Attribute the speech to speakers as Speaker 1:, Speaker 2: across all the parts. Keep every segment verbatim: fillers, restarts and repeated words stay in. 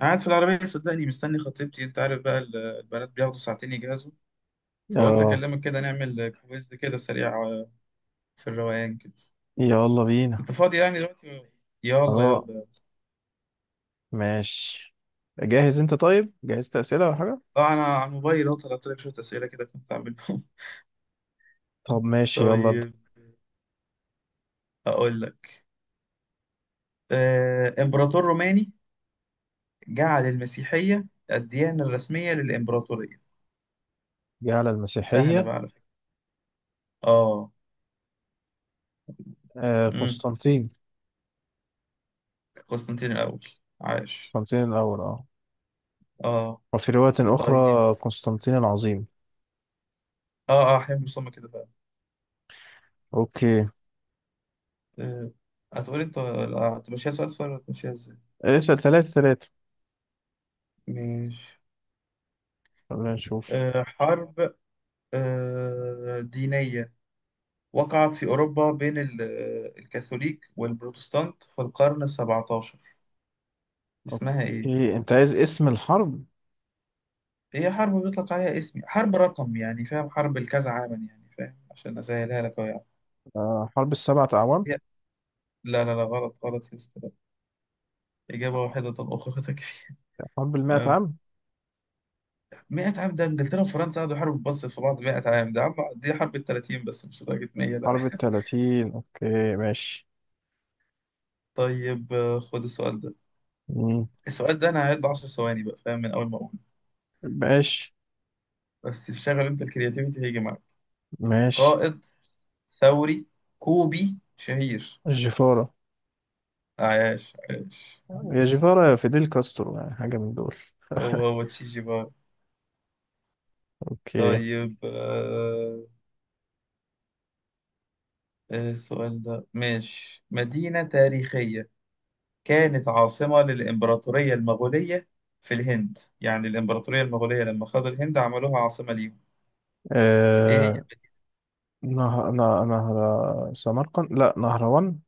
Speaker 1: قاعد في العربية صدقني، مستني خطيبتي. انت عارف بقى، ال- البنات بياخدوا ساعتين يجهزوا. فقلت
Speaker 2: اه،
Speaker 1: اكلمك كده نعمل كويز كده سريع، آه، في الروقان كده.
Speaker 2: يلا بينا.
Speaker 1: انت فاضي يعني دلوقتي؟ يلا
Speaker 2: اه،
Speaker 1: يلا.
Speaker 2: ماشي. جاهز انت؟ طيب، جهزت اسئله ولا حاجه؟
Speaker 1: اه، انا على الموبايل اهو، طلعت لك شوية اسئلة كده كنت عاملهم
Speaker 2: طب ماشي، يلا ابدا.
Speaker 1: طيب، اقول لك. آه، امبراطور روماني جعل المسيحية الديانة الرسمية للامبراطورية.
Speaker 2: جه على
Speaker 1: سهلة
Speaker 2: المسيحيه.
Speaker 1: بقى على فكرة. اه.
Speaker 2: آه
Speaker 1: امم
Speaker 2: قسطنطين.
Speaker 1: قسطنطين الاول. عاش.
Speaker 2: قسطنطين الاول، اه.
Speaker 1: اه.
Speaker 2: وفي روايه
Speaker 1: طيب.
Speaker 2: اخرى قسطنطين العظيم.
Speaker 1: اه اه، حلم صم كده.
Speaker 2: اوكي.
Speaker 1: آه، هتقولي الط- لا، هتمشيها سؤال سؤال ولا هتمشيها ازاي؟
Speaker 2: آه، اسال ثلاثه ثلاثه.
Speaker 1: ماشي.
Speaker 2: خلينا نشوف.
Speaker 1: آه، حرب، آه، دينية وقعت في أوروبا بين ال- آه، الكاثوليك والبروتستانت في القرن السبعتاشر. اسمها إيه؟
Speaker 2: اوكي، انت عايز اسم الحرب.
Speaker 1: هي حرب بيطلق عليها اسم حرب رقم، يعني فاهم، حرب الكذا عاما، يعني فاهم، عشان أسهلها لك أهو يعني.
Speaker 2: آه حرب السبعة اعوام.
Speaker 1: هي- لا لا لا غلط غلط يا أستاذ. إجابة واحدة أخرى تكفي.
Speaker 2: حرب المائة
Speaker 1: آه.
Speaker 2: عام.
Speaker 1: مية عام ده إنجلترا وفرنسا قعدوا يحاربوا في بص في بعض مية عام. ده عم، دي حرب ال التلاتين، بس مش لدرجة مية،
Speaker 2: حرب
Speaker 1: لا.
Speaker 2: الثلاثين، اوكي ماشي.
Speaker 1: طيب، آه، خد السؤال ده.
Speaker 2: مم.
Speaker 1: السؤال ده انا هعد 10 ثواني، بقى فاهم من اول ما اقول،
Speaker 2: ماشي.
Speaker 1: بس شغل انت الكرياتيفيتي هيجي معاك.
Speaker 2: ماشي.
Speaker 1: قائد ثوري كوبي شهير.
Speaker 2: الجفاره.
Speaker 1: عاش عاش
Speaker 2: يا
Speaker 1: عاش.
Speaker 2: جيفارا يا فيديل كاسترو، يعني حاجة من دول.
Speaker 1: هو هو تشيجي بار.
Speaker 2: اوكي.
Speaker 1: طيب. آه. آه، السؤال ده ماشي. مدينة تاريخية كانت عاصمة للإمبراطورية المغولية في الهند. يعني الإمبراطورية المغولية لما خدوا الهند عملوها عاصمة ليهم. إيه هي؟
Speaker 2: آه... نهر... نه- نهر سمرقند، لا، نهروان.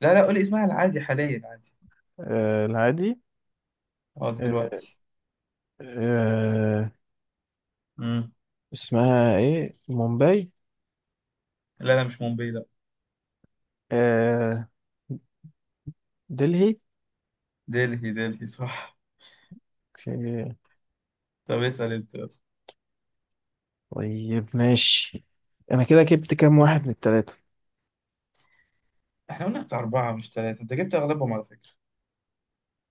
Speaker 1: لا لا، قول اسمها العادي حاليا عادي.
Speaker 2: آه... العادي.
Speaker 1: اه
Speaker 2: آه...
Speaker 1: دلوقتي.
Speaker 2: آه...
Speaker 1: مم.
Speaker 2: اسمها ايه؟ مومباي؟
Speaker 1: لا لا، مش مومباي، لا.
Speaker 2: آه... دلهي.
Speaker 1: دلهي دلهي صح.
Speaker 2: اوكي.
Speaker 1: طب اسأل انت يلا.
Speaker 2: طيب ماشي. انا كده جبت كام واحد من التلاتة؟
Speaker 1: احنا قلنا بتاع أربعة مش ثلاثة، انت جبت أغلبهم على فكرة.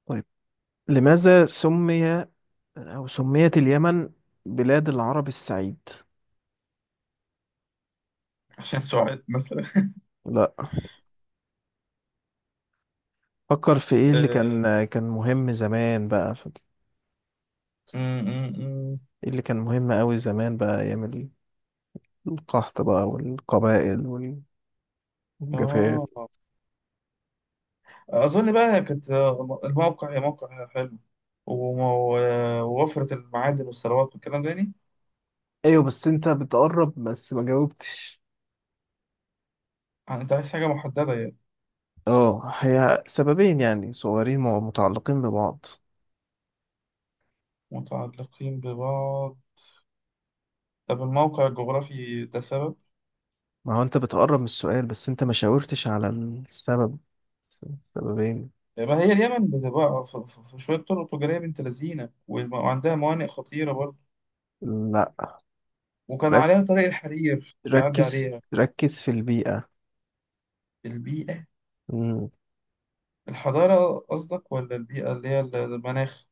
Speaker 2: طيب، لماذا سمي او سميت اليمن بلاد العرب السعيد؟
Speaker 1: عشان سعاد مثلا.
Speaker 2: لا. فكر في ايه اللي
Speaker 1: آه.
Speaker 2: كان كان مهم زمان بقى.
Speaker 1: أم، أم، أم.
Speaker 2: إيه اللي كان مهم أوي زمان بقى؟ أيام ال- القحط بقى والقبائل وال- والجفاف.
Speaker 1: آه. أظن بقى كانت، آه، الموقع موقع حلو، وم- و- ووفرة المعادن والثروات والكلام ده يعني.
Speaker 2: ايوه، بس انت بتقرب بس ما جاوبتش.
Speaker 1: انت عايز حاجة محددة يعني.
Speaker 2: اه، هي سببين يعني صغيرين، مع- متعلقين ببعض.
Speaker 1: متعلقين ببعض. طب الموقع الجغرافي ده سبب.
Speaker 2: ما هو انت بتقرب من السؤال بس انت ما شاورتش على السبب. سببين.
Speaker 1: ما هي اليمن بتبقى في في- في شوية طرق تجارية بنت لذينة، والم- وعندها موانئ خطيرة،
Speaker 2: لا.
Speaker 1: وكان
Speaker 2: رك-
Speaker 1: عليها طريق الحرير بيعدي
Speaker 2: ركز،
Speaker 1: عليها.
Speaker 2: ركز في البيئة.
Speaker 1: البيئة.
Speaker 2: مم.
Speaker 1: الحضارة قصدك ولا البيئة اللي هي المناخ؟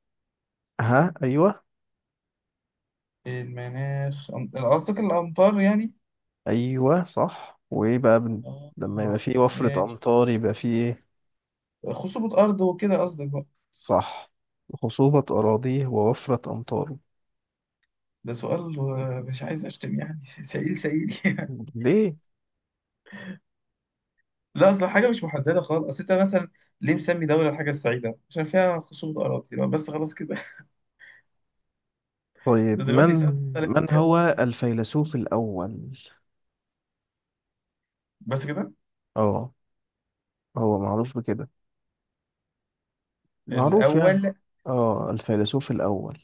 Speaker 2: ها، ايوه.
Speaker 1: المناخ، أم- قصدك الأمطار يعني.
Speaker 2: ايوه صح، وايه بقى بن... لما يبقى
Speaker 1: آه.
Speaker 2: فيه وفرة
Speaker 1: ماشي.
Speaker 2: امطار، يبقى فيه.
Speaker 1: خصوبة أرض وكده قصدك بقى.
Speaker 2: صح. خصوبة أراضيه ووفرة أمطاره.
Speaker 1: ده سؤال، آه، مش عايز أشتم يعني سئيل سئيل يعني.
Speaker 2: ليه؟
Speaker 1: لا، أصل حاجة مش محددة خالص. أصل أنت مثلا ليه مسمي دولة الحاجة السعيدة؟ عشان فيها خصوبة أراضي. يبقى بس خلاص كده.
Speaker 2: طيب،
Speaker 1: ده
Speaker 2: من
Speaker 1: دلوقتي الساعة اتختلفت
Speaker 2: من
Speaker 1: كده.
Speaker 2: هو الفيلسوف الأول؟
Speaker 1: بس كده.
Speaker 2: اه، هو معروف بكده، معروف يعني.
Speaker 1: الأول.
Speaker 2: اه، الفيلسوف الأول.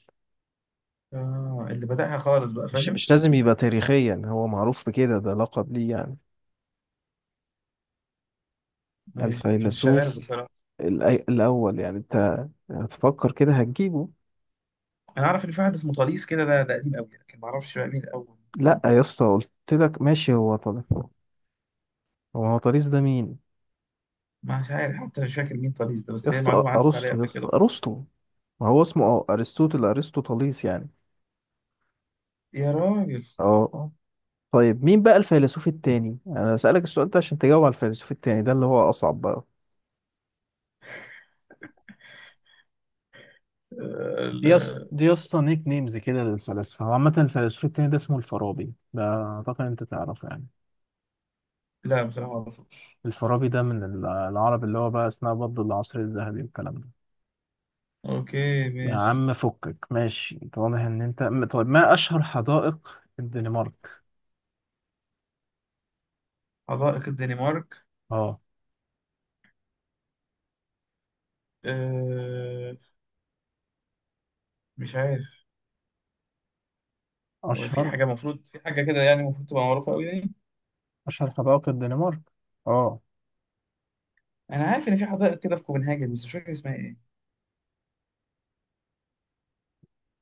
Speaker 1: آه، اللي بدأها خالص بقى،
Speaker 2: مش
Speaker 1: فاهم؟
Speaker 2: مش لازم يبقى تاريخيا، هو معروف بكده، ده لقب ليه يعني.
Speaker 1: مش مش عارف
Speaker 2: الفيلسوف
Speaker 1: بصراحة.
Speaker 2: الأي- الأول، يعني أنت هتفكر كده هتجيبه.
Speaker 1: انا اعرف ان في واحد اسمه طليس كده، ده ده قديم قوي، لكن ما اعرفش بقى مين الاول
Speaker 2: لأ
Speaker 1: الكلام.
Speaker 2: يا اسطى، قلت لك ماشي هو طلع هو. هو طريس ده مين؟
Speaker 1: مش عارف حتى، مش فاكر مين طليس ده،
Speaker 2: يا
Speaker 1: بس هي
Speaker 2: اسطى
Speaker 1: معلومه عدت عليا
Speaker 2: أرسطو، يا
Speaker 1: قبل
Speaker 2: اسطى
Speaker 1: كده.
Speaker 2: أرسطو. ما هو اسمه اه ارسطوطل، ارسطوطاليس يعني.
Speaker 1: يا راجل.
Speaker 2: اه. آه. طيب، مين بقى الفيلسوف التاني؟ انا بسألك السؤال ده عشان تجاوب على الفيلسوف التاني ده اللي هو اصعب بقى.
Speaker 1: آه.
Speaker 2: دي يص...
Speaker 1: لا،
Speaker 2: دي يا اسطى نيك نيمز كده للفلاسفة. هو عامة الفيلسوف التاني ده اسمه الفارابي، ده أعتقد أنت تعرفه يعني.
Speaker 1: لا بصراحه ما اعرفوش.
Speaker 2: الفارابي ده من ال- العرب، اللي هو بقى أثناء برضه العصر الذهبي والكلام ده.
Speaker 1: اوكي
Speaker 2: يا
Speaker 1: ماشي.
Speaker 2: عم فكك ماشي، أنت واضح إن أنت م- طيب، ما أشهر حدائق الدنمارك؟
Speaker 1: حدائق الدنمارك.
Speaker 2: أه.
Speaker 1: أه. مش عارف. هو في
Speaker 2: أشهر
Speaker 1: حاجه، المفروض في حاجه كده يعني، المفروض تبقى معروفه قوي يعني.
Speaker 2: أشهر حدائق الدنمارك؟ أه.
Speaker 1: انا عارف ان في حدائق كده في كوبنهاجن، بس مش فاكر اسمها ايه.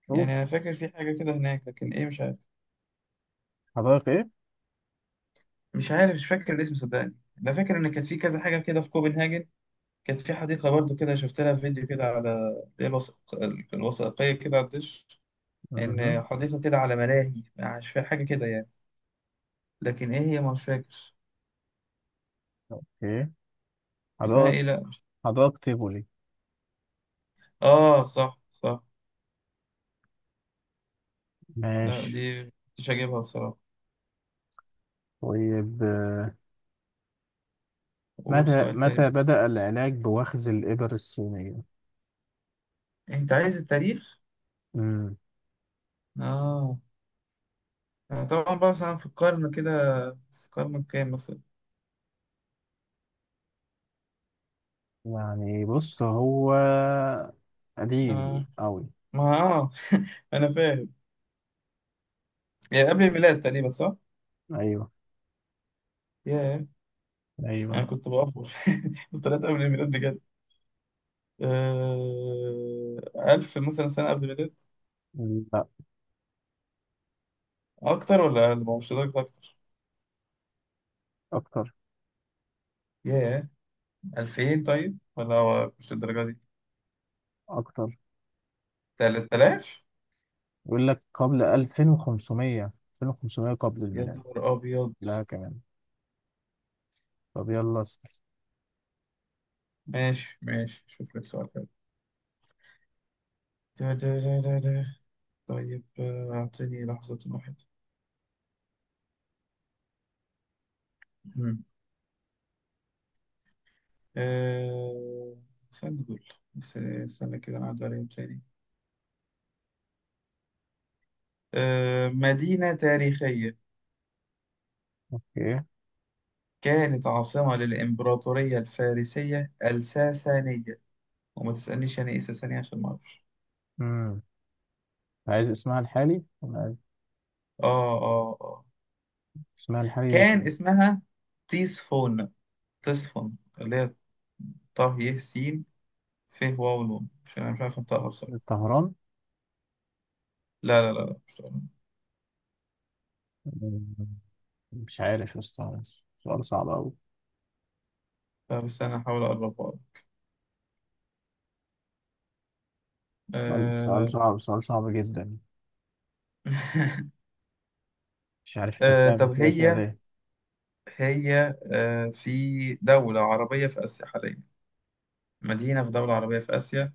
Speaker 2: شوف.
Speaker 1: يعني انا فاكر في حاجه كده هناك، لكن ايه مش عارف.
Speaker 2: حدائق
Speaker 1: مش عارف مش فاكر الاسم صدقني. انا فاكر ان كانت في كذا حاجه كده في كوبنهاجن. كانت في حديقة برضو كده، شفت لها فيديو كده على اللي هي الوثائق- الوثائقية كده على الدش.
Speaker 2: إيه؟
Speaker 1: إن حديقة كده على ملاهي. مش فاكر حاجة كده يعني، لكن إيه هي مش فاكر.
Speaker 2: اوكي.
Speaker 1: اسمها
Speaker 2: حدائق
Speaker 1: إيه؟ لأ.
Speaker 2: حدائق تيفولي.
Speaker 1: آه صح صح. لا
Speaker 2: ماشي.
Speaker 1: دي مش هجيبها بصراحة.
Speaker 2: طيب،
Speaker 1: قول
Speaker 2: متى
Speaker 1: سؤال تاني
Speaker 2: متى
Speaker 1: بس.
Speaker 2: بدأ العلاج بوخز الإبر الصينية؟
Speaker 1: أنت عايز التاريخ؟
Speaker 2: امم
Speaker 1: آه. أنا طبعا بقى مثلا في القرن كده، في القرن كام مثلا؟
Speaker 2: يعني بص، هو قديم
Speaker 1: آه.
Speaker 2: أوي.
Speaker 1: ما آه أنا فاهم. يعني قبل الميلاد تقريبا صح؟
Speaker 2: أيوه،
Speaker 1: ياه. أنا
Speaker 2: أيوه.
Speaker 1: كنت بأفور طلعت قبل الميلاد بجد. آه، ألف مثلا سنة قبل الميلاد.
Speaker 2: لا.
Speaker 1: أكتر ولا أقل؟ ما هو مش لدرجة أكتر.
Speaker 2: أكتر.
Speaker 1: ياه. ألفين طيب، ولا هو مش للدرجة دي.
Speaker 2: أكتر.
Speaker 1: تلات آلاف.
Speaker 2: يقول لك قبل ألفين وخمسمية. ألفين وخمسمية قبل
Speaker 1: يا
Speaker 2: الميلاد.
Speaker 1: نهار أبيض.
Speaker 2: لا كمان. طب يلا اسأل.
Speaker 1: ماشي ماشي. شوف لك سؤال حلو. ده ده ده ده ده. طيب، آه، أعطيني لحظة واحدة. مم. آه، استنى دول. بس- استنى كده أنا عدى عليهم تاني. آه، مدينة تاريخية
Speaker 2: أوكي.
Speaker 1: كانت عاصمة للإمبراطورية الفارسية الساسانية. وما تسألنيش يعني ايه ساسانية عشان ما اعرفش.
Speaker 2: امم عايز اسمها الحالي؟
Speaker 1: اه اه اه.
Speaker 2: اسمها الحالي
Speaker 1: كان اسمها تيسفون. تيسفون اللي هي طه ي س ف واو نون. مش انا مش عارف انطقها بصراحة.
Speaker 2: طهران.
Speaker 1: لا لا لا لا مش عارف.
Speaker 2: مش عارف يا اسطى، سؤال صعب أوي.
Speaker 1: لا، بس انا هحاول اقربها لك.
Speaker 2: سؤال، سؤال
Speaker 1: آه...
Speaker 2: صعب، سؤال صعب جدا. مش عارف أنت
Speaker 1: آه...
Speaker 2: بتعمل
Speaker 1: طب
Speaker 2: كده كده
Speaker 1: هي،
Speaker 2: ليه.
Speaker 1: هي آه، في دولة عربية في آسيا حاليا. مدينة في دولة عربية في آسيا.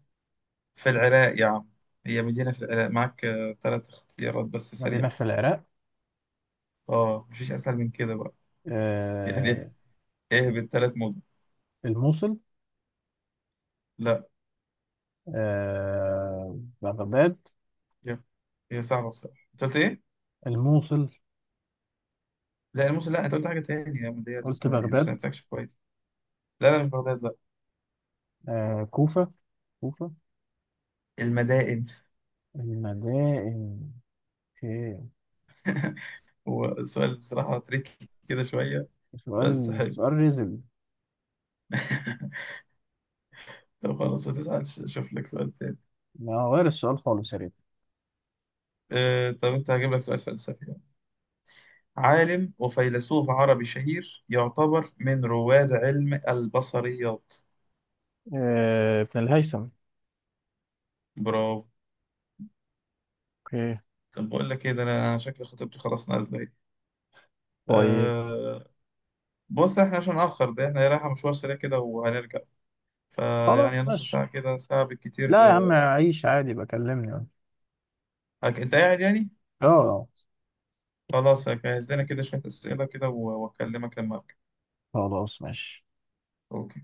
Speaker 1: في العراق يا عم. هي مدينة في العراق. معاك آه... ثلاث اختيارات بس
Speaker 2: مدينة
Speaker 1: سريعة.
Speaker 2: في العراق.
Speaker 1: اه مفيش أسهل من كده بقى
Speaker 2: آه
Speaker 1: يعني ايه بالثلاث مدن.
Speaker 2: الموصل.
Speaker 1: لا.
Speaker 2: آه بغداد.
Speaker 1: هي هي صعبة بصراحة. انت قلت ايه؟
Speaker 2: الموصل.
Speaker 1: لا الموسم لا. انت قلت حاجة تاني يا عم، اللي هي اللي
Speaker 2: قلت
Speaker 1: اسمها ايه، مش
Speaker 2: بغداد.
Speaker 1: بتاعتكش كويس. لا لا، مش بغداد، لا.
Speaker 2: آه كوفة. كوفة.
Speaker 1: المدائن.
Speaker 2: المدائن. اوكي.
Speaker 1: هو السؤال بصراحة تريكي كده شوية،
Speaker 2: سؤال،
Speaker 1: بس حلو
Speaker 2: سؤال ريزل.
Speaker 1: طب خلاص ما تزعلش، اشوف لك سؤال تاني.
Speaker 2: ما غير السؤال خالص يا ريت.
Speaker 1: أه، طب انت هجيب لك سؤال فلسفي يعني. عالم وفيلسوف عربي شهير يعتبر من رواد علم البصريات.
Speaker 2: آه ابن الهيثم.
Speaker 1: برافو.
Speaker 2: اوكي.
Speaker 1: طب بقول لك ايه ده، انا شكل خطيبتي خلاص نازلة.
Speaker 2: طيب
Speaker 1: ايه، بص احنا عشان نأخر ده، احنا رايحة مشوار سريع كده وهنرجع.
Speaker 2: خلاص
Speaker 1: فيعني نص
Speaker 2: ماشي.
Speaker 1: ساعة كده، ساعة
Speaker 2: لا يا
Speaker 1: بالكتير،
Speaker 2: عم،
Speaker 1: آه.
Speaker 2: عيش عادي، بكلمني.
Speaker 1: هك- انت قاعد يعني.
Speaker 2: اه.
Speaker 1: خلاص هجهز لنا كده شوية أسئلة كده، و- وأكلمك لما أرجع.
Speaker 2: خلاص ماشي.
Speaker 1: أوكي